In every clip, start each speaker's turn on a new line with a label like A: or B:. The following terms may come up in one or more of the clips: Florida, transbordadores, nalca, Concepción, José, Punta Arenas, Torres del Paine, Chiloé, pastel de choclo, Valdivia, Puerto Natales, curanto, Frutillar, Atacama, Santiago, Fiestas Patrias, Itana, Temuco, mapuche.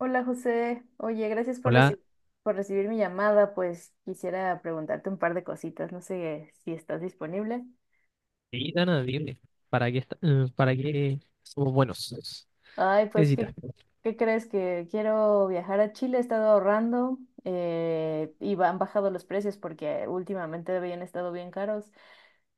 A: Hola José, oye, gracias por
B: Hola,
A: por recibir mi llamada, pues quisiera preguntarte un par de cositas, no sé si estás disponible.
B: Itana, dime, ¿para qué, para qué somos buenos?
A: Ay,
B: ¿Qué
A: pues,
B: necesitas?
A: ¿qué crees? Que quiero viajar a Chile, he estado ahorrando y han bajado los precios porque últimamente habían estado bien caros.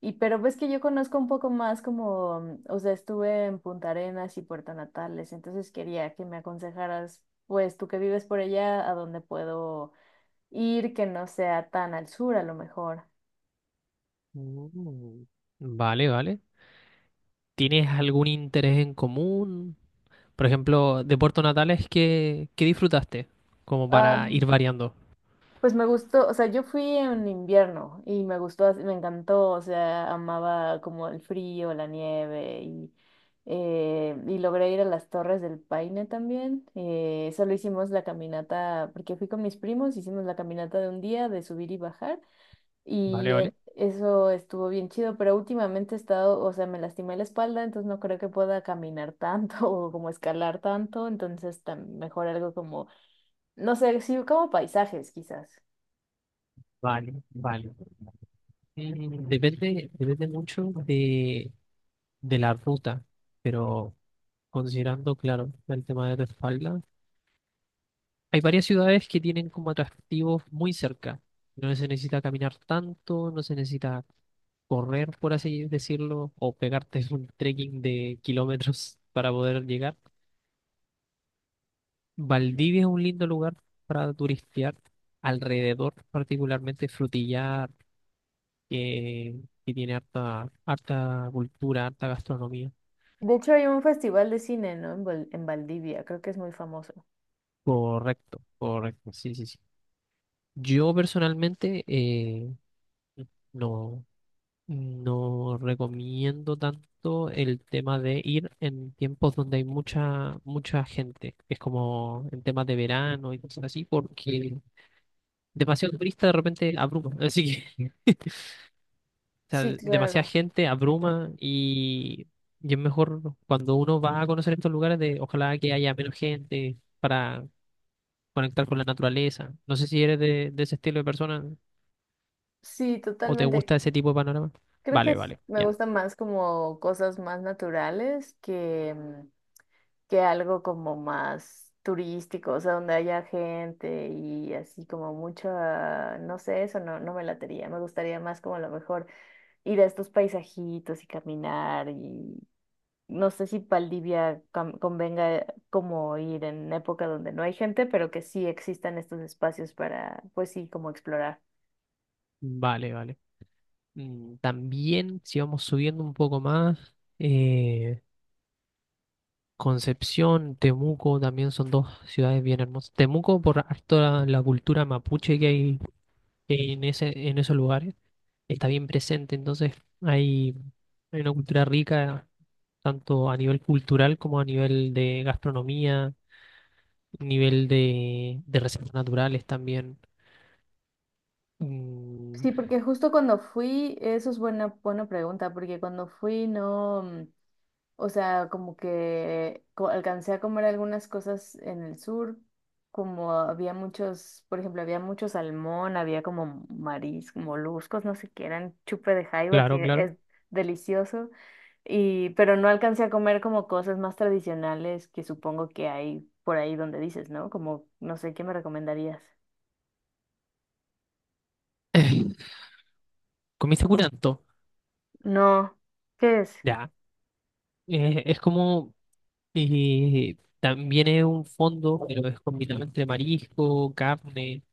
A: Y pero ves que yo conozco un poco más como, o sea, estuve en Punta Arenas y Puerto Natales, entonces quería que me aconsejaras, pues tú que vives por allá, a dónde puedo ir que no sea tan al sur a lo mejor.
B: Mm, vale, vale. ¿Tienes algún interés en común? Por ejemplo, de Puerto Natales, ¿qué disfrutaste? Como para
A: Am,
B: ir variando.
A: pues me gustó, o sea, yo fui en invierno y me gustó, me encantó, o sea, amaba como el frío, la nieve y logré ir a las Torres del Paine también. Solo hicimos la caminata, porque fui con mis primos, hicimos la caminata de un día de subir y bajar. Y
B: Vale, vale.
A: eso estuvo bien chido, pero últimamente he estado, o sea, me lastimé la espalda, entonces no creo que pueda caminar tanto o como escalar tanto, entonces mejor algo como, no sé, sí, como paisajes quizás.
B: Vale, vale. Mm, depende, depende mucho de la ruta, pero considerando, claro, el tema de tu espalda. Hay varias ciudades que tienen como atractivos muy cerca. No se necesita caminar tanto, no se necesita correr, por así decirlo, o pegarte un trekking de kilómetros para poder llegar. Valdivia es un lindo lugar para turistear, alrededor particularmente Frutillar, que, que tiene harta, harta cultura, harta gastronomía.
A: De hecho hay un festival de cine, ¿no? En, en Valdivia, creo que es muy famoso.
B: Correcto, correcto, sí, sí, sí. Yo personalmente no. No recomiendo tanto el tema de ir en tiempos donde hay mucha, mucha gente. Es como en temas de verano y cosas así, porque demasiado turista de repente abruma. Así que, o
A: Sí,
B: sea, demasiada
A: claro.
B: gente abruma y es mejor cuando uno va a conocer estos lugares, de ojalá que haya menos gente para conectar con la naturaleza. No sé si eres de ese estilo de persona
A: Sí,
B: o te
A: totalmente.
B: gusta ese tipo de panorama.
A: Creo que
B: Vale,
A: sí,
B: vale,
A: me
B: ya.
A: gustan más como cosas más naturales que algo como más turístico, o sea, donde haya gente y así como mucha, no sé, eso no, no me latería, me gustaría más como a lo mejor ir a estos paisajitos y caminar y no sé si Valdivia convenga como ir en época donde no hay gente, pero que sí existan estos espacios para, pues sí, como explorar.
B: Vale, vale. Mm, también, si vamos subiendo un poco más, Concepción, Temuco, también son dos ciudades bien hermosas. Temuco, por harto la cultura mapuche que hay en ese, en esos lugares, está bien presente, entonces hay, hay una cultura rica, tanto a nivel cultural como a nivel de gastronomía, nivel de reservas naturales también. Mm,
A: Sí, porque justo cuando fui, eso es buena, buena pregunta, porque cuando fui no... O sea, como que alcancé a comer algunas cosas en el sur, como había muchos, por ejemplo, había mucho salmón, había como mariscos, moluscos, no sé qué, eran chupe de jaiba,
B: claro,
A: que
B: claro.
A: es delicioso, y, pero no alcancé a comer como cosas más tradicionales que supongo que hay por ahí donde dices, ¿no? Como, no sé, ¿qué me recomendarías?
B: Comiste curanto,
A: No, ¿qué es?
B: ya. Es como y también es un fondo, pero es combinado entre marisco, carne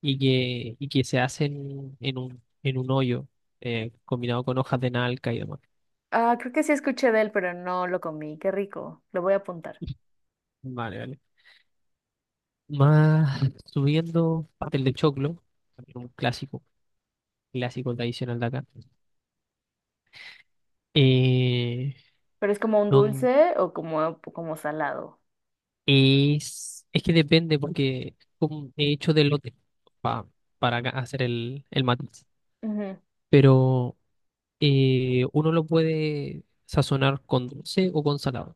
B: y que se hace en un hoyo, combinado con hojas de nalca y demás.
A: Ah, creo que sí escuché de él, pero no lo comí, qué rico, lo voy a apuntar.
B: Vale, vale. Más subiendo, pastel de choclo, también un clásico, clásico tradicional de acá. Eh,
A: Pero es como un
B: don-
A: dulce o como, como salado.
B: es que depende, porque como he hecho de lote pa- para acá hacer el matiz.
A: Ujú,
B: Pero uno lo puede sazonar con dulce o con salado.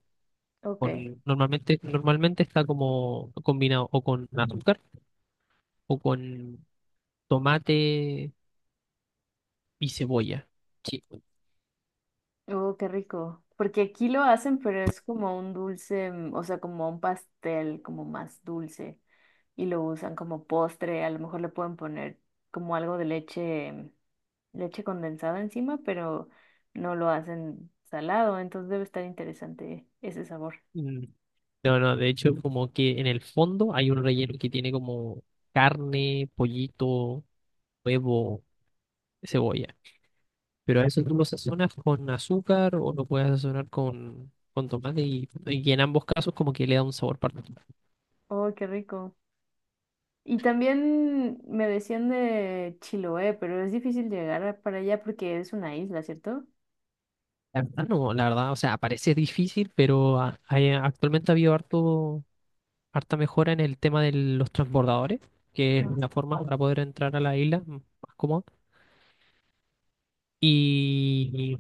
A: ok.
B: Normalmente, normalmente está como combinado o con azúcar o con tomate y cebolla. Sí.
A: Oh, qué rico. Porque aquí lo hacen, pero es como un dulce, o sea, como un pastel, como más dulce. Y lo usan como postre. A lo mejor le pueden poner como algo de leche, leche condensada encima, pero no lo hacen salado. Entonces debe estar interesante ese sabor.
B: Mm, no, no, de hecho, como que en el fondo hay un relleno que tiene como carne, pollito, huevo, cebolla. Pero a eso tú lo sazonas con azúcar, o lo puedes sazonar con tomate, y en ambos casos como que le da un sabor particular.
A: Oh, qué rico. Y también me decían de Chiloé, pero es difícil llegar para allá porque es una isla, ¿cierto?
B: La verdad no, la verdad, o sea, parece difícil, pero actualmente ha habido harto, harta mejora en el tema de los transbordadores, que es
A: Ah.
B: la forma para poder entrar a la isla más cómoda. Y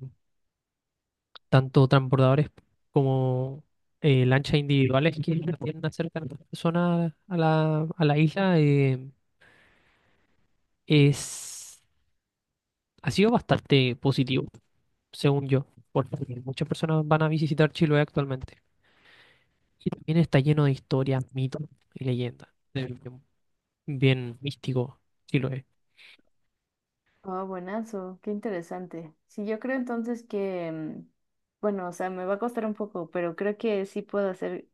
B: tanto transbordadores como lanchas individuales que tienden a acercar a las personas a a la isla es, ha sido bastante positivo, según yo, porque muchas personas van a visitar Chiloé actualmente. Y también está lleno de historias, mitos y leyendas. Es bien, bien místico, sí lo es.
A: Ah, buenazo, qué interesante. Sí, yo creo entonces que, bueno, o sea, me va a costar un poco, pero creo que sí puedo hacer,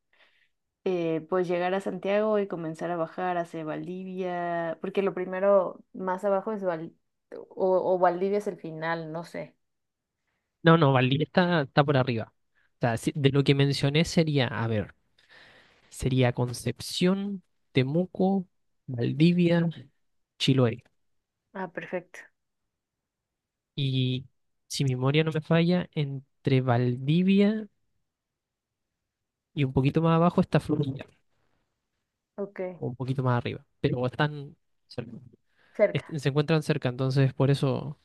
A: pues llegar a Santiago y comenzar a bajar hacia Valdivia, porque lo primero más abajo es Val, o Valdivia es el final, no sé.
B: No, no, Valdivia está, está por arriba. O sea, sí, de lo que mencioné sería, a ver, sería Concepción, Temuco, Valdivia, Chiloé.
A: Ah, perfecto.
B: Y si mi memoria no me falla, entre Valdivia y un poquito más abajo está Florida,
A: Ok,
B: o un poquito más arriba, pero están cerca.
A: cerca.
B: Se encuentran cerca, entonces por eso...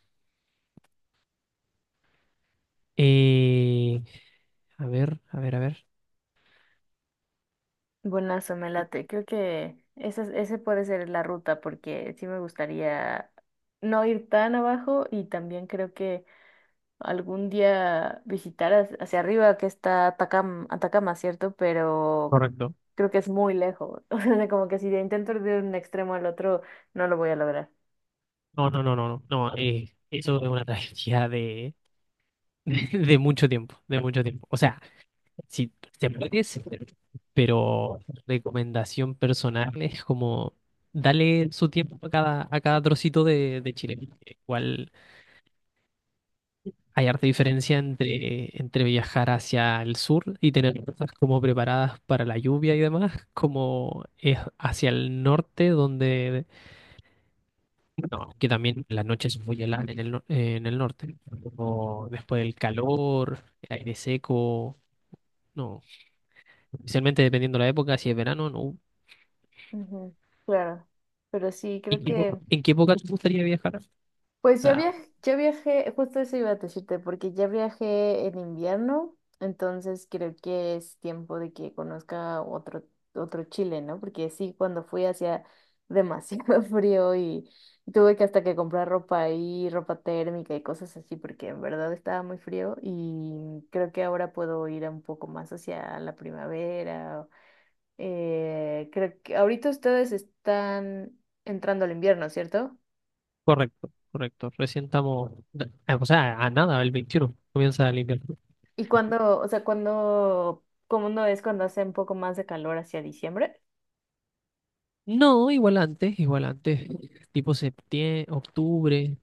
B: eh, a ver, a ver, a ver.
A: Buenazo, me late. Creo que esa, ese puede ser la ruta porque sí me gustaría no ir tan abajo y también creo que algún día visitar hacia hacia arriba que está Atacama, Atacama, ¿cierto? Pero
B: Correcto.
A: creo que es muy lejos. O sea, como que si intento ir de un extremo al otro, no lo voy a lograr.
B: No, no, no, no, no, no, eso es una tragedia de, de mucho tiempo, de mucho tiempo. O sea, si se puede, sí, pero recomendación personal es como darle su tiempo a cada trocito de Chile. Igual hay harta diferencia entre, entre viajar hacia el sur y tener cosas como preparadas para la lluvia y demás, como es hacia el norte, donde no, que también la noche es muy helada en el, no- en el norte. O después el calor, el aire seco. No, especialmente dependiendo de la época, si es verano, no.
A: Ujú, claro, pero sí, creo
B: ¿
A: que...
B: En qué época te gustaría viajar?
A: Pues
B: Ah,
A: ya viajé, justo eso iba a decirte, porque ya viajé en invierno, entonces creo que es tiempo de que conozca otro, otro Chile, ¿no? Porque sí, cuando fui hacía demasiado frío y tuve que hasta que comprar ropa ahí, ropa térmica y cosas así, porque en verdad estaba muy frío y creo que ahora puedo ir un poco más hacia la primavera. Creo que ahorita ustedes están entrando al invierno, ¿cierto?
B: correcto, correcto. Recién estamos, ah, o sea, a nada, el 21 comienza el invierno.
A: ¿Y cuándo, o sea, cuándo, cómo no es cuando hace un poco más de calor hacia diciembre?
B: No, igual antes, igual antes. Tipo septiembre, octubre.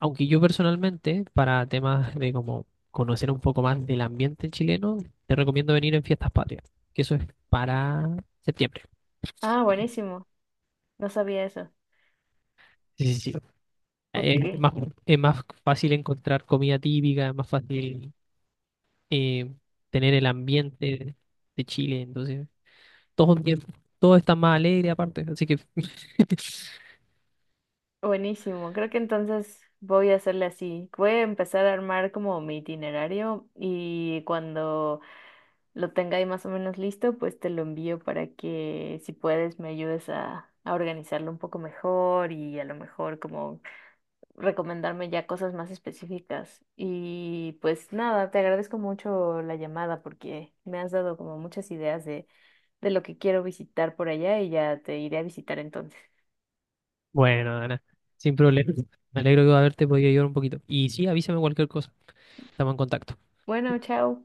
B: Aunque yo personalmente, para temas de como conocer un poco más del ambiente chileno, te recomiendo venir en Fiestas Patrias, que eso es para septiembre.
A: Ah, buenísimo. No sabía eso.
B: Sí, sí, sí.
A: Ok,
B: Es más, es más fácil encontrar comida típica, es más fácil eh, tener el ambiente de Chile, entonces todo, bien- todo está más alegre aparte, así que
A: buenísimo. Creo que entonces voy a hacerle así. Voy a empezar a armar como mi itinerario y cuando lo tenga ahí más o menos listo, pues te lo envío para que si puedes me ayudes a organizarlo un poco mejor y a lo mejor como recomendarme ya cosas más específicas. Y pues nada, te agradezco mucho la llamada porque me has dado como muchas ideas de lo que quiero visitar por allá y ya te iré a visitar entonces.
B: bueno, Ana, sin problema. Me alegro de haberte podido ayudar un poquito. Y sí, avísame cualquier cosa, estamos en contacto.
A: Bueno, chao.